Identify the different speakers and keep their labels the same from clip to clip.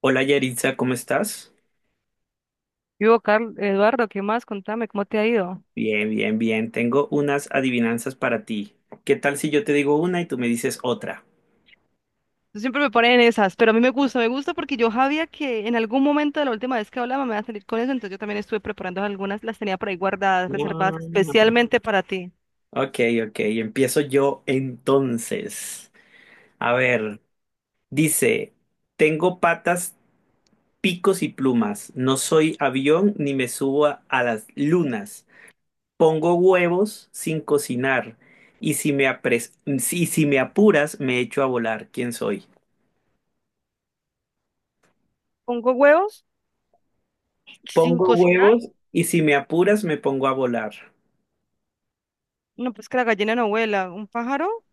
Speaker 1: Hola Yaritza, ¿cómo estás?
Speaker 2: Yo, Carl, Eduardo, ¿qué más? Contame, ¿cómo te ha ido?
Speaker 1: Bien, bien, bien. Tengo unas adivinanzas para ti. ¿Qué tal si yo te digo una y tú me dices otra?
Speaker 2: Tú siempre me ponen en esas, pero a mí me gusta porque yo sabía que en algún momento de la última vez que hablaba me iba a salir con eso. Entonces yo también estuve preparando algunas, las tenía por ahí guardadas, reservadas
Speaker 1: Ah,
Speaker 2: especialmente para ti.
Speaker 1: ok, ok, empiezo yo entonces. A ver, dice, tengo patas, picos y plumas. No soy avión ni me subo a las lunas. Pongo huevos sin cocinar. Y y si me apuras, me echo a volar. ¿Quién soy?
Speaker 2: ¿Pongo huevos? ¿Sin
Speaker 1: Pongo
Speaker 2: cocinar?
Speaker 1: huevos y si me apuras me pongo a volar.
Speaker 2: No, pues que la gallina no vuela. ¿Un pájaro?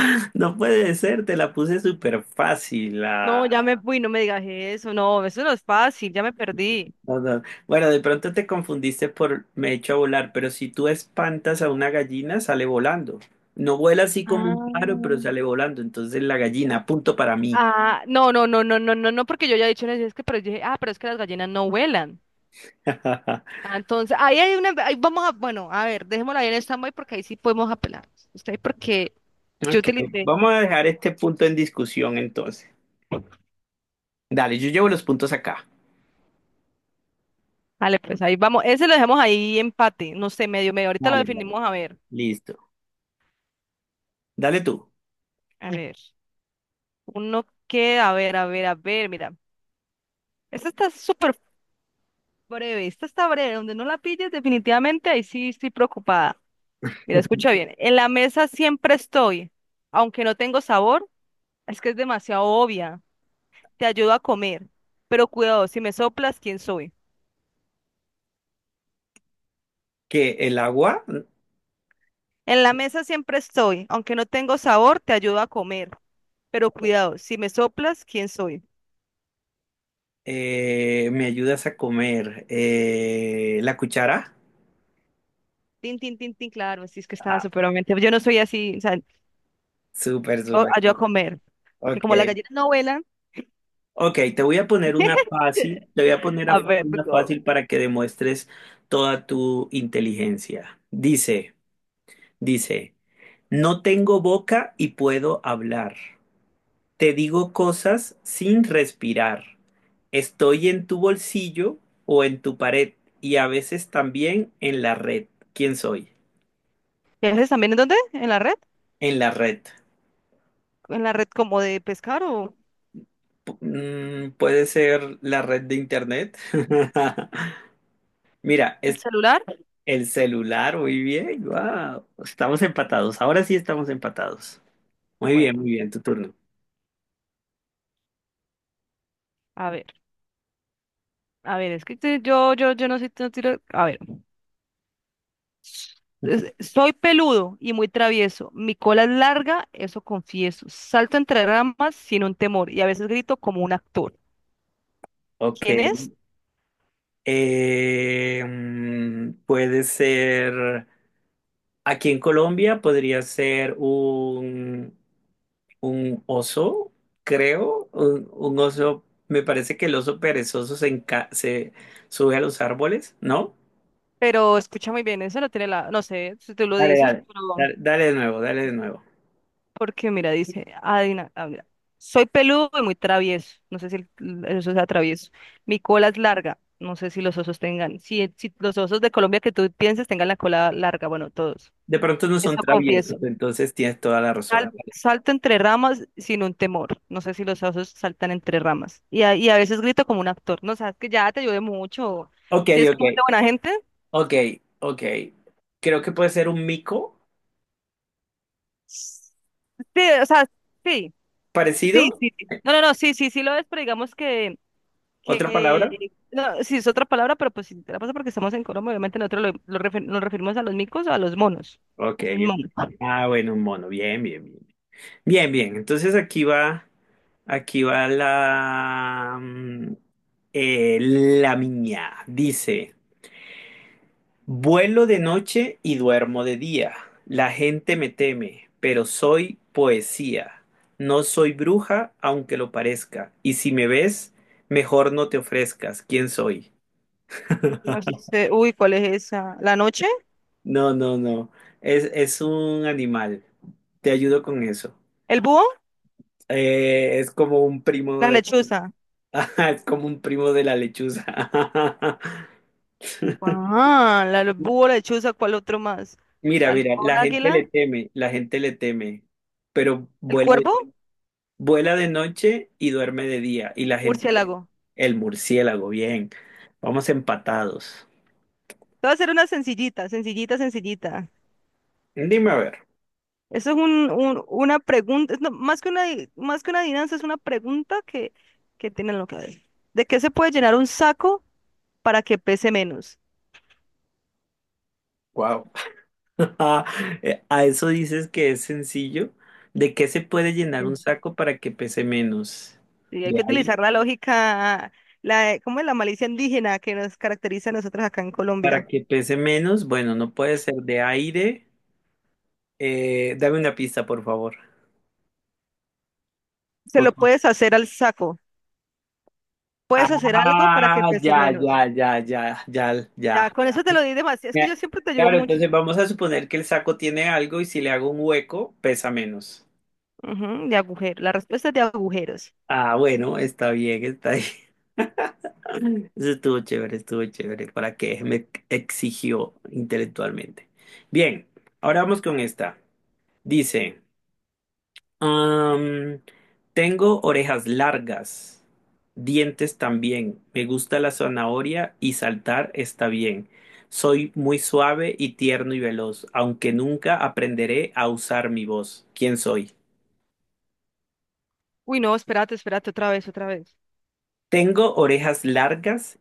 Speaker 1: No puede ser, te la puse súper fácil.
Speaker 2: No,
Speaker 1: Ah.
Speaker 2: ya me fui, no me digas eso no es fácil, ya me perdí.
Speaker 1: No, no. Bueno, de pronto te confundiste por me echo a volar, pero si tú espantas a una gallina, sale volando. No vuela así como un pájaro, pero
Speaker 2: Ah.
Speaker 1: sale volando. Entonces la gallina, punto para mí.
Speaker 2: Ah, no, no, no, no, no, no, no, porque yo ya he dicho en eso, es que, pero yo dije, ah, pero es que las gallinas no vuelan. Ah, entonces, ahí hay una, ahí vamos a, bueno, a ver, dejémosla ahí en stand-by porque ahí sí podemos apelar. Usted, porque yo
Speaker 1: Ok,
Speaker 2: utilicé.
Speaker 1: vamos a dejar este punto en discusión entonces. Dale, yo llevo los puntos acá.
Speaker 2: Vale, pues ahí vamos. Ese lo dejamos ahí empate, no sé, medio, medio. Ahorita lo
Speaker 1: Vale, vale.
Speaker 2: definimos, a ver.
Speaker 1: Listo. Dale tú.
Speaker 2: A ver. Uno que, a ver, a ver, a ver, mira. Esta está súper breve, esta está breve. Donde no la pilles, definitivamente ahí sí estoy preocupada. Mira, escucha bien. En la mesa siempre estoy, aunque no tengo sabor. Es que es demasiado obvia. Te ayudo a comer, pero cuidado, si me soplas, ¿quién soy?
Speaker 1: Que el agua.
Speaker 2: En la mesa siempre estoy, aunque no tengo sabor, te ayudo a comer. Pero cuidado, si me soplas, ¿quién soy?
Speaker 1: ¿Me ayudas a comer? ¿La cuchara?
Speaker 2: Tin, tin, tin, tin, claro, sí, es que estaba
Speaker 1: Ah,
Speaker 2: superamente. Yo no soy así, o sea,
Speaker 1: súper,
Speaker 2: yo
Speaker 1: súper,
Speaker 2: ayudo
Speaker 1: súper.
Speaker 2: a comer. Porque
Speaker 1: Ok.
Speaker 2: como las gallinas no vuelan,
Speaker 1: Ok, te voy a poner una fácil. Te voy a poner
Speaker 2: a ver, tú
Speaker 1: una
Speaker 2: co-
Speaker 1: fácil para que demuestres toda tu inteligencia. Dice, dice, no tengo boca y puedo hablar. Te digo cosas sin respirar. Estoy en tu bolsillo o en tu pared y a veces también en la red. ¿Quién soy?
Speaker 2: ¿qué haces también en dónde? ¿En la red?
Speaker 1: En la red.
Speaker 2: ¿En la red como de pescar o
Speaker 1: Puede ser la red de internet. Mira,
Speaker 2: el
Speaker 1: es
Speaker 2: celular?
Speaker 1: el celular, muy bien, wow. Estamos empatados, ahora sí estamos empatados. Muy
Speaker 2: Bueno,
Speaker 1: bien, tu turno.
Speaker 2: a ver, a ver, es que te- yo no soy tan tiro- A ver. Es- Soy peludo y muy travieso. Mi cola es larga, eso confieso. Salto entre ramas sin un temor y a veces grito como un actor.
Speaker 1: Ok.
Speaker 2: ¿Quién es?
Speaker 1: Puede ser, aquí en Colombia podría ser un oso, creo, un oso, me parece que el oso perezoso se, se sube a los árboles, ¿no?
Speaker 2: Pero escucha muy bien, eso no tiene la... No sé si tú lo
Speaker 1: Dale,
Speaker 2: dices,
Speaker 1: dale,
Speaker 2: pero...
Speaker 1: dale, dale de nuevo, dale de nuevo.
Speaker 2: Porque mira, dice... adivina- ah, mira. Soy peludo y muy travieso. No sé si el- el oso sea travieso. Mi cola es larga. No sé si los osos tengan... Si, si los osos de Colombia que tú pienses tengan la cola larga. Bueno, todos.
Speaker 1: De pronto no son
Speaker 2: Eso
Speaker 1: traviesos,
Speaker 2: confieso.
Speaker 1: entonces tienes toda la razón.
Speaker 2: Sal- salto entre ramas sin un temor. No sé si los osos saltan entre ramas. Y a veces grito como un actor. No, sabes que ya te ayudé mucho.
Speaker 1: Ok,
Speaker 2: Si es
Speaker 1: ok,
Speaker 2: como de buena gente.
Speaker 1: ok, ok. Creo que puede ser un mico
Speaker 2: Sí, o sea, sí, sí,
Speaker 1: parecido,
Speaker 2: sí. Sí. No, no, no, sí, sí, sí lo es, pero digamos
Speaker 1: otra palabra.
Speaker 2: que no, sí es otra palabra, pero pues si te la paso porque estamos en Colombia, obviamente nosotros lo refer- nos referimos a los micos o a los monos.
Speaker 1: Ok.
Speaker 2: Esos monos.
Speaker 1: Ah, bueno, un mono, bien, bien, bien. Bien, bien, entonces aquí va la mía. Dice. Vuelo de noche y duermo de día. La gente me teme, pero soy poesía. No soy bruja, aunque lo parezca. Y si me ves, mejor no te ofrezcas. ¿Quién soy?
Speaker 2: No sé, uy, ¿cuál es esa? ¿La noche?
Speaker 1: No, no, no. Es un animal. Te ayudo con eso.
Speaker 2: ¿El búho?
Speaker 1: Es como un primo
Speaker 2: La
Speaker 1: de...
Speaker 2: lechuza.
Speaker 1: Ajá, es como un primo de la lechuza.
Speaker 2: Ah, la lo- búho, la lechuza, ¿cuál otro más?
Speaker 1: Mira, mira,
Speaker 2: Halcón,
Speaker 1: la gente
Speaker 2: águila,
Speaker 1: le teme, la gente le teme, pero
Speaker 2: el
Speaker 1: vuela.
Speaker 2: cuervo,
Speaker 1: Vuela de noche y duerme de día. Y la gente,
Speaker 2: murciélago.
Speaker 1: el murciélago, bien. Vamos empatados.
Speaker 2: Te voy a hacer una sencillita, sencillita, sencillita.
Speaker 1: Dime a ver.
Speaker 2: Eso es un- una pregunta, es no, más que una, di- más que una adivinanza, es una pregunta que tienen lo que ver. ¿De qué se puede llenar un saco para que pese menos?
Speaker 1: Wow. A eso dices que es sencillo. ¿De qué se puede llenar
Speaker 2: Sí.
Speaker 1: un saco para que pese menos?
Speaker 2: Y hay
Speaker 1: De
Speaker 2: que
Speaker 1: aire.
Speaker 2: utilizar la lógica, la, ¿cómo es la malicia indígena que nos caracteriza a nosotros acá en
Speaker 1: Para
Speaker 2: Colombia?
Speaker 1: que pese menos, bueno, no puede ser de aire. Dame una pista, por favor.
Speaker 2: Se
Speaker 1: Por
Speaker 2: lo
Speaker 1: favor.
Speaker 2: puedes hacer al saco. Puedes hacer algo para que
Speaker 1: Ah,
Speaker 2: pese
Speaker 1: ya,
Speaker 2: menos.
Speaker 1: ya, ya, ya, ya, ya.
Speaker 2: Ya, con eso te lo di demasiado. Es que
Speaker 1: Ya,
Speaker 2: yo siempre te ayudo
Speaker 1: claro,
Speaker 2: mucho.
Speaker 1: entonces vamos a suponer que el saco tiene algo y si le hago un hueco, pesa menos.
Speaker 2: Ujú, de agujero. La respuesta es de agujeros.
Speaker 1: Ah, bueno, está bien, está bien. Eso estuvo chévere, estuvo chévere. ¿Para qué? Me exigió intelectualmente. Bien, ahora vamos con esta. Dice. Am, tengo orejas largas, dientes también. Me gusta la zanahoria y saltar está bien. Soy muy suave y tierno y veloz, aunque nunca aprenderé a usar mi voz. ¿Quién soy?
Speaker 2: Uy, no, espérate, espérate, otra vez, otra vez.
Speaker 1: Tengo orejas largas,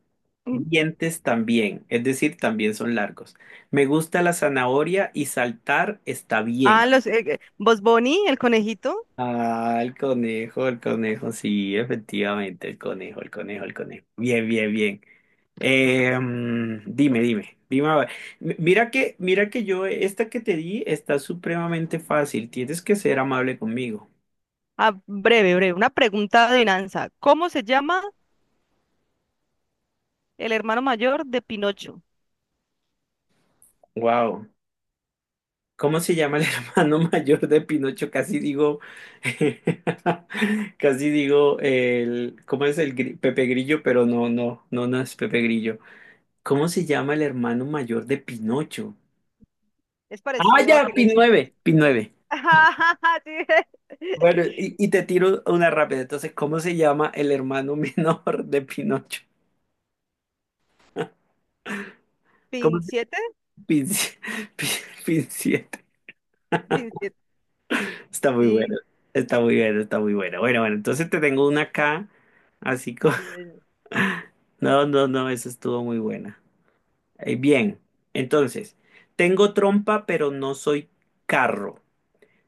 Speaker 2: Mm.
Speaker 1: dientes también, es decir, también son largos. Me gusta la zanahoria y saltar está
Speaker 2: Ah,
Speaker 1: bien.
Speaker 2: los, Bugs Bunny, el conejito.
Speaker 1: Ah, el conejo, sí, efectivamente, el conejo, el conejo, el conejo. Bien, bien, bien. Dime, dime, dime, a ver. Mira que yo, esta que te di está supremamente fácil. Tienes que ser amable conmigo.
Speaker 2: Ah, breve, breve. Una pregunta de adivinanza. ¿Cómo se llama el hermano mayor de Pinocho?
Speaker 1: Wow. ¿Cómo se llama el hermano mayor de Pinocho? Casi digo, casi digo ¿cómo es el Pepe Grillo? Pero no, no, no, no es Pepe Grillo. ¿Cómo se llama el hermano mayor de Pinocho?
Speaker 2: Es
Speaker 1: Ah,
Speaker 2: parecido a
Speaker 1: ya, Pin
Speaker 2: Pinocho.
Speaker 1: 9, Pin 9.
Speaker 2: Sí.
Speaker 1: Bueno, y te tiro una rápida. Entonces, ¿cómo se llama el hermano menor de Pinocho? ¿Cómo
Speaker 2: ¿Pin
Speaker 1: se
Speaker 2: siete?
Speaker 1: pinci- pincita?
Speaker 2: ¿Pin siete?
Speaker 1: Está muy bueno,
Speaker 2: Sí,
Speaker 1: está muy bueno, está muy bueno. Bueno, bueno, entonces te tengo una acá, así como...
Speaker 2: dime.
Speaker 1: No, no, no, esa estuvo muy buena. Bien, entonces, tengo trompa, pero no soy carro.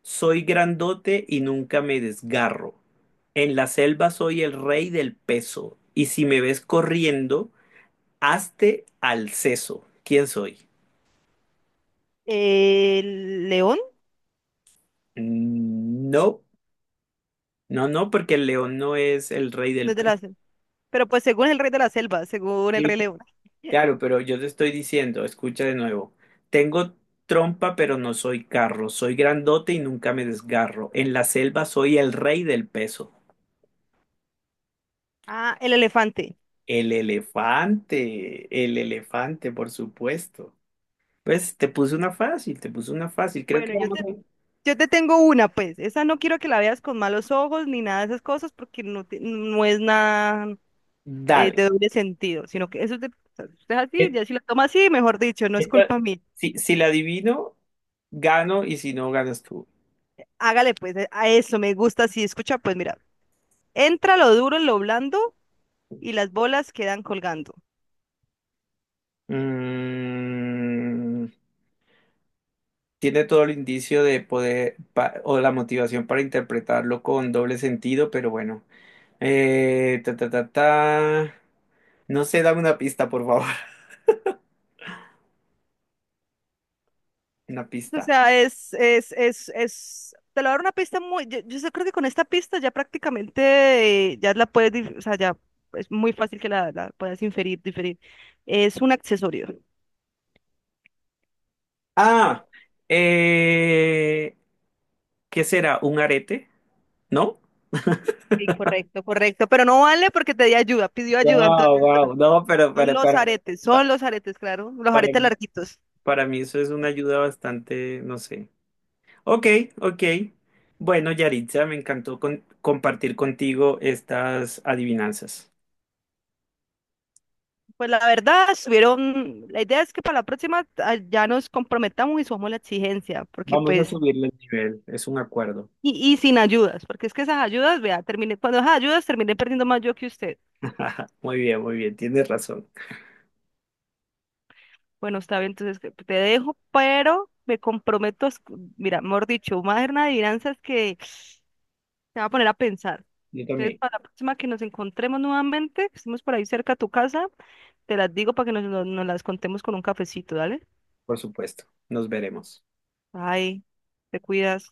Speaker 1: Soy grandote y nunca me desgarro. En la selva soy el rey del peso. Y si me ves corriendo, hazte al seso. ¿Quién soy?
Speaker 2: ¿El león?
Speaker 1: No. No, no, porque el león no es el rey
Speaker 2: No
Speaker 1: del
Speaker 2: es de la
Speaker 1: pez.
Speaker 2: selva. Pero pues según el rey de la selva, según el
Speaker 1: Sí,
Speaker 2: rey león.
Speaker 1: claro, pero yo te estoy diciendo, escucha de nuevo. Tengo trompa, pero no soy carro. Soy grandote y nunca me desgarro. En la selva soy el rey del peso.
Speaker 2: Ah, el elefante.
Speaker 1: El elefante, por supuesto. Pues te puse una fácil, te puse una fácil. Creo
Speaker 2: Bueno,
Speaker 1: que vamos a...
Speaker 2: yo te tengo una, pues. Esa no quiero que la veas con malos ojos ni nada de esas cosas porque no, te- no es nada
Speaker 1: Dale.
Speaker 2: de doble sentido, sino que eso es de- o sea, si usted es así,
Speaker 1: E-
Speaker 2: ya si lo toma así, mejor dicho, no es
Speaker 1: esta-
Speaker 2: culpa mía.
Speaker 1: si, si la adivino, gano y si no, ganas tú.
Speaker 2: Hágale, pues, a eso me gusta así. Escucha, pues, mira, entra lo duro en lo blando y las bolas quedan colgando.
Speaker 1: Mm. Tiene todo el indicio de poder o la motivación para interpretarlo con doble sentido, pero bueno. Ta, ta, ta, ta. No sé, dame una pista, por favor. Una
Speaker 2: O
Speaker 1: pista.
Speaker 2: sea, es, te lo voy dar una pista muy, yo sé- creo que con esta pista ya prácticamente ya la puedes, dif- o sea, ya es muy fácil que la puedas inferir, diferir. Es un accesorio.
Speaker 1: Ah, eh, ¿qué será? ¿Un arete? ¿No?
Speaker 2: Sí, correcto, correcto, pero no vale porque te di ayuda, pidió ayuda, entonces
Speaker 1: Wow, wow. No, pero para, pa-
Speaker 2: son los aretes, claro, los
Speaker 1: para
Speaker 2: aretes
Speaker 1: mí,
Speaker 2: larguitos.
Speaker 1: para mí eso es una ayuda bastante, no sé. Ok, ok. Bueno, Yaritza, me encantó compartir contigo estas adivinanzas.
Speaker 2: Pues la verdad, estuvieron, la idea es que para la próxima ah, ya nos comprometamos y subamos la exigencia, porque
Speaker 1: Vamos a
Speaker 2: pues
Speaker 1: subirle el nivel, es un acuerdo.
Speaker 2: y sin ayudas, porque es que esas ayudas, vea, terminé, cuando esas ayudas terminé perdiendo más yo que usted.
Speaker 1: Muy bien, tienes razón.
Speaker 2: Bueno, está bien, entonces que- te dejo, pero me comprometo, a escu- mira, mejor dicho, una adivinanza es que te va a poner a pensar.
Speaker 1: Yo
Speaker 2: Entonces,
Speaker 1: también,
Speaker 2: para la próxima que nos encontremos nuevamente, que estemos por ahí cerca a tu casa, te las digo para que nos las contemos con un cafecito, ¿dale?
Speaker 1: por supuesto. Nos veremos.
Speaker 2: Ay, te cuidas.